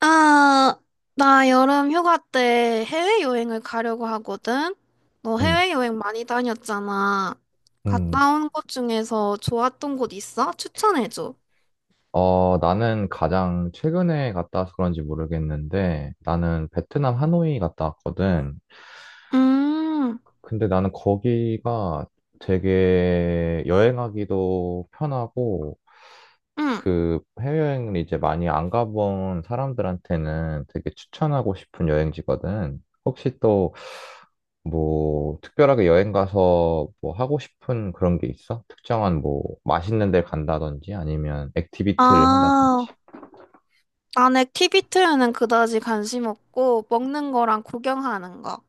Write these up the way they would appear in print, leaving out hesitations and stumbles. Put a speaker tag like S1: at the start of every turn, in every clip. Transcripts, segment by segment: S1: 아, 나 여름 휴가 때 해외여행을 가려고 하거든? 너
S2: 음,
S1: 해외여행 많이 다녔잖아.
S2: 음.
S1: 갔다 온 곳 중에서 좋았던 곳 있어? 추천해줘.
S2: 나는 가장 최근에 갔다 와서 그런지 모르겠는데, 나는 베트남 하노이 갔다 왔거든.
S1: 음,
S2: 근데 나는 거기가 되게 여행하기도 편하고,
S1: 응.
S2: 그 해외여행을 이제 많이 안 가본 사람들한테는 되게 추천하고 싶은 여행지거든. 혹시 또 뭐 특별하게 여행 가서 뭐 하고 싶은 그런 게 있어? 특정한 뭐 맛있는 데 간다든지 아니면 액티비티를 한다든지.
S1: 아, 난 액티비티에는 그다지 관심 없고, 먹는 거랑 구경하는 거.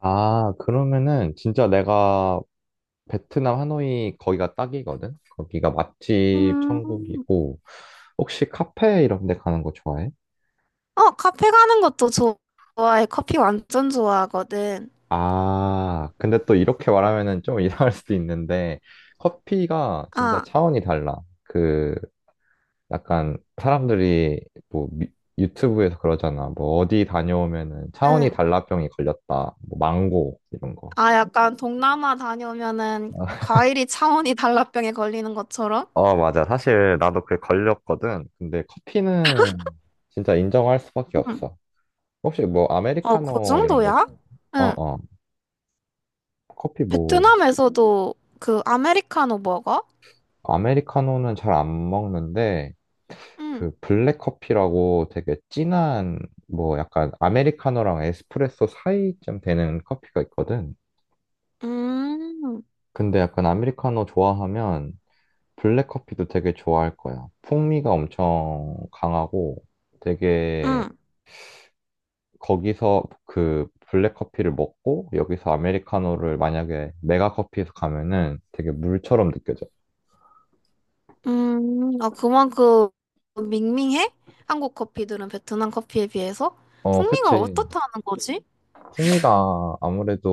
S2: 아, 그러면은 진짜 내가 베트남 하노이 거기가 딱이거든? 거기가 맛집
S1: 음,
S2: 천국이고 혹시 카페 이런 데 가는 거 좋아해?
S1: 어, 카페 가는 것도 좋아해. 커피 완전 좋아하거든.
S2: 아, 근데 또 이렇게 말하면은 좀 이상할 수도 있는데 커피가 진짜
S1: 아,
S2: 차원이 달라. 그 약간 사람들이 뭐 미- 유튜브에서 그러잖아. 뭐 어디 다녀오면은 차원이
S1: 응.
S2: 달라병이 걸렸다. 뭐 망고 이런 거.
S1: 아, 약간 동남아 다녀오면은 과일이 차원이 달라병에 걸리는 것처럼?
S2: 어, 맞아. 사실 나도 그게 걸렸거든. 근데 커피는 진짜 인정할 수밖에
S1: 응.
S2: 없어. 혹시 뭐
S1: 어, 그
S2: 아메리카노 이런 거 좀.
S1: 정도야?
S2: 어,
S1: 응.
S2: 어. 커피 뭐
S1: 베트남에서도 그 아메리카노 먹어?
S2: 아메리카노는 잘 안 먹는데
S1: 응.
S2: 그 블랙 커피라고 되게 진한 뭐 약간 아메리카노랑 에스프레소 사이쯤 되는 커피가 있거든.
S1: 음,
S2: 근데 약간 아메리카노 좋아하면 블랙 커피도 되게 좋아할 거야. 풍미가 엄청 강하고 되게
S1: 응.
S2: 거기서 그 블랙 커피를 먹고 여기서 아메리카노를 만약에 메가 커피에서 가면은 되게 물처럼 느껴져.
S1: 아, 그만큼 밍밍해? 한국 커피들은 베트남 커피에 비해서?
S2: 어,
S1: 풍미가
S2: 그치.
S1: 어떻다는 거지?
S2: 풍미가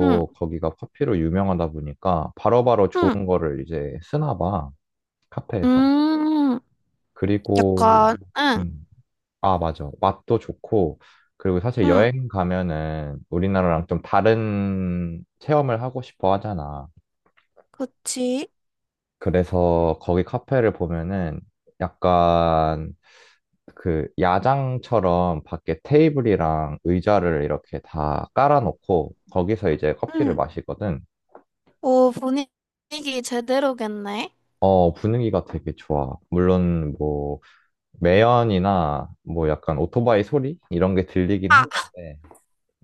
S1: 응,
S2: 거기가 커피로 유명하다 보니까 바로바로 좋은
S1: 응,
S2: 거를 이제 쓰나 봐. 카페에서.
S1: 음,
S2: 그리고,
S1: 약간, 응,
S2: 음, 아, 맞아. 맛도 좋고, 그리고 사실
S1: 응,
S2: 여행 가면은 우리나라랑 좀 다른 체험을 하고 싶어 하잖아.
S1: 그치.
S2: 그래서 거기 카페를 보면은 약간 그 야장처럼 밖에 테이블이랑 의자를 이렇게 다 깔아놓고 거기서 이제 커피를
S1: 응.
S2: 마시거든.
S1: 오, 분위기 제대로겠네.
S2: 어, 분위기가 되게 좋아. 물론 뭐 매연이나 뭐 약간 오토바이 소리 이런 게 들리긴
S1: 아,
S2: 하는데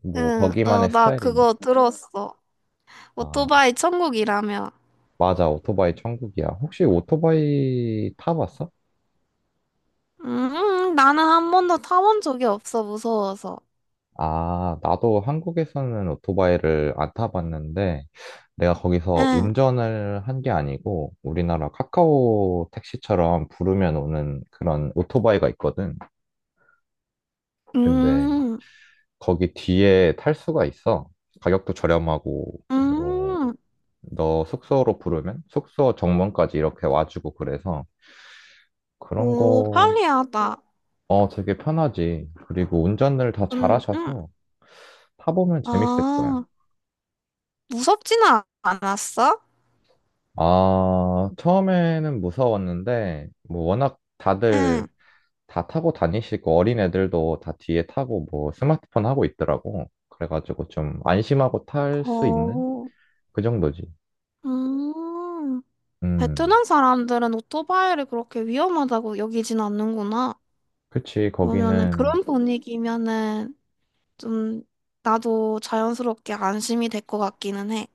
S2: 뭐
S1: 응, 어,
S2: 거기만의
S1: 나
S2: 스타일이니까.
S1: 그거 들었어.
S2: 아,
S1: 오토바이 천국이라며.
S2: 맞아. 오토바이 천국이야. 혹시 오토바이 타봤어?
S1: 나는 한 번도 타본 적이 없어, 무서워서.
S2: 아, 나도 한국에서는 오토바이를 안 타봤는데, 내가 거기서
S1: 응,
S2: 운전을 한 게 아니고, 우리나라 카카오 택시처럼 부르면 오는 그런 오토바이가 있거든. 근데
S1: 음,
S2: 거기 뒤에 탈 수가 있어. 가격도 저렴하고, 뭐,
S1: 음,
S2: 너 숙소로 부르면 숙소 정문까지 이렇게 와주고 그래서 그런
S1: 오,
S2: 거,
S1: 편리하다.
S2: 어, 되게 편하지. 그리고 운전을 다
S1: 근, 음,
S2: 잘하셔서 타보면 재밌을 거야.
S1: 아, 무섭지는 않았어?
S2: 아, 처음에는 무서웠는데, 뭐, 워낙 다들
S1: 응,
S2: 다 타고 다니시고, 어린 애들도 다 뒤에 타고, 뭐, 스마트폰 하고 있더라고. 그래가지고 좀 안심하고 탈 수 있는?
S1: 오,
S2: 그 정도지.
S1: 음,
S2: 음,
S1: 베트남 사람들은 오토바이를 그렇게 위험하다고 여기진 않는구나.
S2: 그치,
S1: 그러면은
S2: 거기는,
S1: 그런 분위기면은 좀 나도 자연스럽게 안심이 될 것 같기는 해.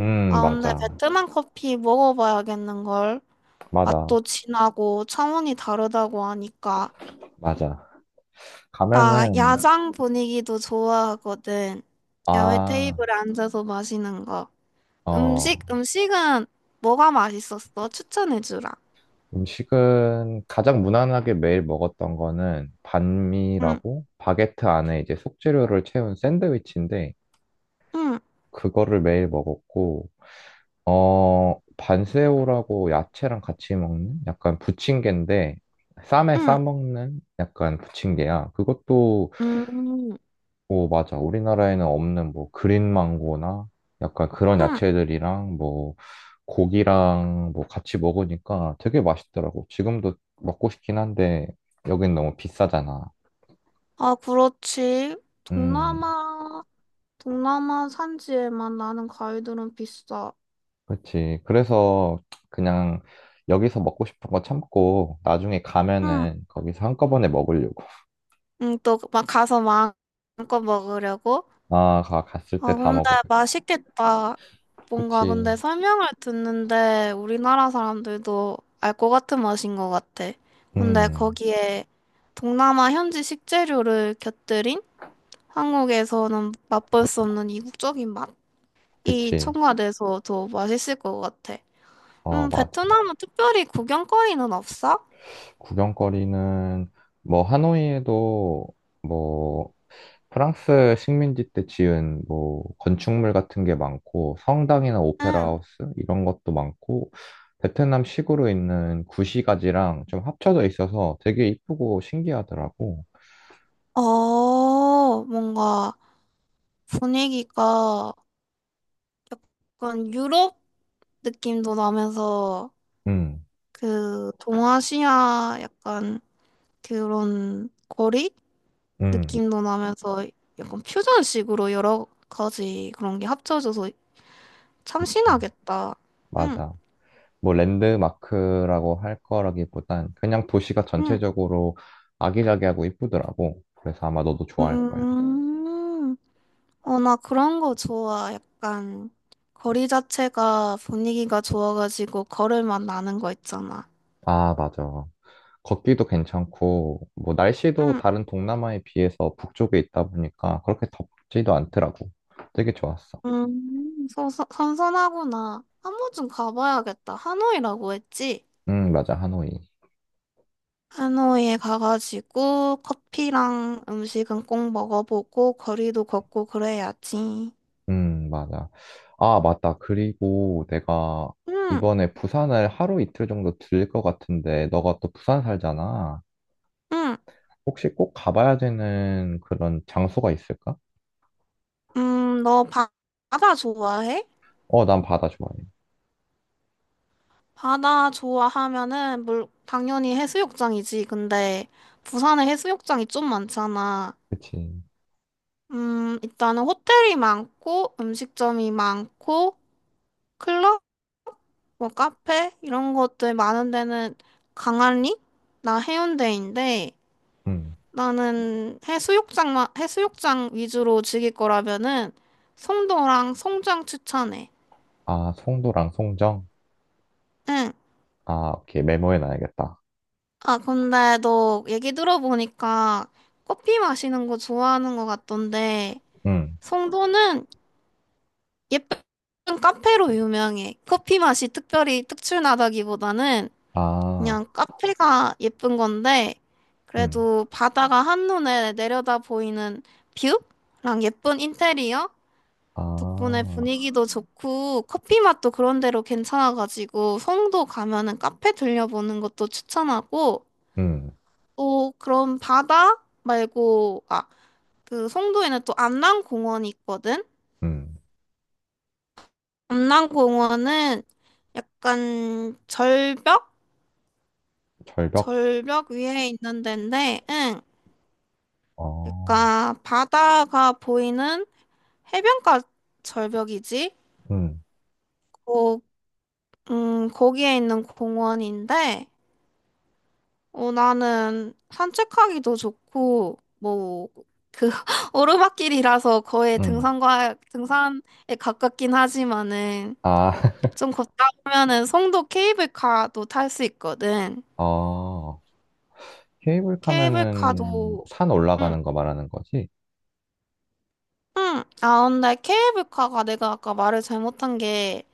S1: 아, 근데
S2: 맞아.
S1: 베트남 커피 먹어봐야겠는걸.
S2: 맞아.
S1: 맛도 진하고 차원이 다르다고 하니까.
S2: 맞아.
S1: 나
S2: 가면은,
S1: 야장 분위기도 좋아하거든. 야외
S2: 아,
S1: 테이블에 앉아서 마시는 거.
S2: 어,
S1: 음식은 뭐가 맛있었어? 추천해주라.
S2: 음식은 가장 무난하게 매일 먹었던 거는
S1: 응,
S2: 반미라고, 바게트 안에 이제 속재료를 채운 샌드위치인데,
S1: 응,
S2: 그거를 매일 먹었고, 어, 반새우라고 야채랑 같이 먹는 약간 부침개인데, 쌈에
S1: 응,
S2: 싸먹는 약간 부침개야. 그것도,
S1: 응,
S2: 뭐, 맞아. 우리나라에는 없는 뭐, 그린 망고나 약간 그런
S1: 응.
S2: 야채들이랑 뭐, 고기랑 뭐 같이 먹으니까 되게 맛있더라고. 지금도 먹고 싶긴 한데, 여긴 너무 비싸잖아.
S1: 아, 그렇지.
S2: 음.
S1: 동남아, 동남아 산지에만 나는 과일들은 비싸.
S2: 그렇지. 그래서 그냥 여기서 먹고 싶은 거 참고 나중에
S1: 응,
S2: 가면은 거기서 한꺼번에 먹으려고.
S1: 응, 또 막 가서 마음껏 먹으려고?
S2: 갔을 때
S1: 아,
S2: 다
S1: 근데
S2: 먹으려고.
S1: 맛있겠다. 뭔가
S2: 그치.
S1: 근데 설명을 듣는데 우리나라 사람들도 알 것 같은 맛인 것 같아. 근데
S2: 음,
S1: 거기에 동남아 현지 식재료를 곁들인 한국에서는 맛볼 수 없는 이국적인 맛이
S2: 그치.
S1: 첨가돼서 더 맛있을 것 같아.
S2: 어, 맞아.
S1: 베트남은 특별히 구경거리는 없어?
S2: 구경거리는 뭐 하노이에도 뭐 프랑스 식민지 때 지은 뭐 건축물 같은 게 많고 성당이나 오페라
S1: 응.
S2: 하우스 이런 것도 많고 베트남 식으로 있는 구시가지랑 좀 합쳐져 있어서 되게 이쁘고 신기하더라고.
S1: 어, 뭔가 분위기가 약간 유럽 느낌도 나면서
S2: 음,
S1: 그 동아시아 약간 그런 거리
S2: 음,
S1: 느낌도 나면서 약간 퓨전식으로 여러 가지 그런 게 합쳐져서 참
S2: 그치.
S1: 신나겠다. 응,
S2: 맞아. 뭐, 랜드마크라고 할 거라기보단 그냥 도시가
S1: 응,
S2: 전체적으로 아기자기하고 이쁘더라고. 그래서 아마 너도 좋아할 거야.
S1: 음, 어, 나 그런 거 좋아. 약간 거리 자체가 분위기가 좋아가지고 걸을 맛 나는 거 있잖아.
S2: 아, 맞아. 걷기도 괜찮고, 뭐, 날씨도
S1: 응,
S2: 다른 동남아에 비해서 북쪽에 있다 보니까 그렇게 덥지도 않더라고. 되게 좋았어.
S1: 선선하구나. 한 번쯤 가봐야겠다. 하노이라고 했지?
S2: 맞아. 하노이.
S1: 하노이에 가가지고 커피랑 음식은 꼭 먹어보고 거리도 걷고 그래야지.
S2: 맞아. 아, 맞다. 그리고 내가
S1: 응,
S2: 이번에 부산을 하루 이틀 정도 들것 같은데, 너가 또 부산 살잖아.
S1: 응,
S2: 혹시 꼭 가봐야 되는 그런 장소가 있을까?
S1: 너 바다 좋아해?
S2: 어, 난 바다 좋아해.
S1: 바다 좋아하면은 물, 당연히 해수욕장이지. 근데 부산에 해수욕장이 좀 많잖아.
S2: 그치.
S1: 일단은 호텔이 많고 음식점이 많고 클럽 뭐 카페 이런 것들 많은 데는 강아리? 나 해운대인데
S2: 음.
S1: 나는 해수욕장만 해수욕장 위주로 즐길 거라면은 송도랑 송정 추천해.
S2: 아, 송도랑 송정?
S1: 응.
S2: 아, 오케이. 메모해 놔야겠다.
S1: 아 근데 너 얘기 들어보니까 커피 마시는 거 좋아하는 것 같던데
S2: 음.
S1: 송도는 예쁜 카페로 유명해. 커피 맛이 특별히 특출나다기보다는
S2: 아,
S1: 그냥 카페가 예쁜 건데,
S2: 음.
S1: 그래도 바다가 한눈에 내려다 보이는 뷰랑 예쁜 인테리어? 덕분에
S2: 아,
S1: 분위기도 좋고, 커피 맛도 그런 데로 괜찮아가지고, 송도 가면은 카페 들려보는 것도 추천하고,
S2: 음.
S1: 또 그런 바다 말고, 아, 그 송도에는 또 안남공원이 있거든?
S2: 음.
S1: 안남공원은 약간 절벽?
S2: 절벽?
S1: 절벽 위에 있는 데인데, 응.
S2: 어,
S1: 그러니까 바다가 보이는 해변가 절벽이지.
S2: 음.
S1: 거, 거기에 있는 공원인데, 어, 나는 산책하기도 좋고, 뭐, 그 오르막길이라서 거의
S2: 음.
S1: 등산과 등산에 가깝긴 하지만은
S2: 아,
S1: 좀 걷다 보면은 송도 케이블카도 탈 수 있거든. 그래?
S2: 어. 케이블카면은
S1: 케이블카도
S2: 산
S1: 응,
S2: 올라가는 거 말하는 거지?
S1: 응. 아, 근데 케이블카가 내가 아까 말을 잘못한 게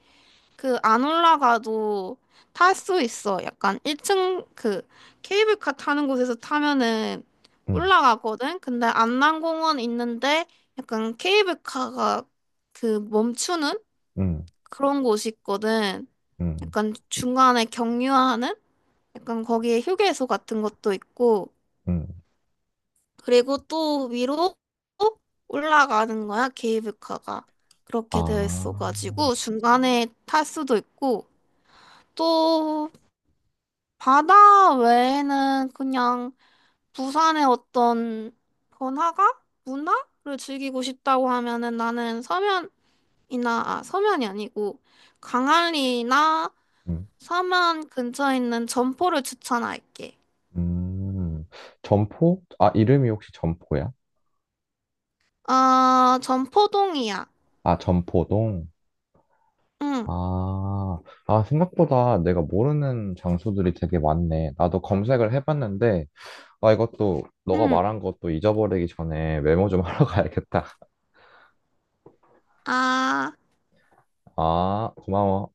S1: 그 안 올라가도 탈 수 있어. 약간 1층 그 케이블카 타는 곳에서 타면은
S2: 음.
S1: 올라가거든. 근데 안남공원 있는데 약간 케이블카가 그 멈추는
S2: 음.
S1: 그런 곳이 있거든.
S2: 음.
S1: 약간 중간에 경유하는 약간 거기에 휴게소 같은 것도 있고
S2: 음.
S1: 그리고 또 위로 올라가는 거야 케이블카가 그렇게 되어
S2: 아,
S1: 있어가지고 중간에 탈 수도 있고. 또 바다 외에는 그냥 부산의 어떤 번화가? 문화를 즐기고 싶다고 하면은 나는 서면이나, 아, 서면이 아니고 광안리나
S2: 음.
S1: 서면 근처에 있는 점포를 추천할게.
S2: 음. 점포? 아, 이름이 혹시 점포야?
S1: 아, 점포동이야.
S2: 아, 점포동?
S1: 응,
S2: 아, 아, 생각보다 내가 모르는 장소들이 되게 많네. 나도 검색을 해봤는데, 아, 이것도, 너가
S1: 응.
S2: 말한 것도 잊어버리기 전에 메모 좀 하러 가야겠다.
S1: 아.
S2: 아, 고마워.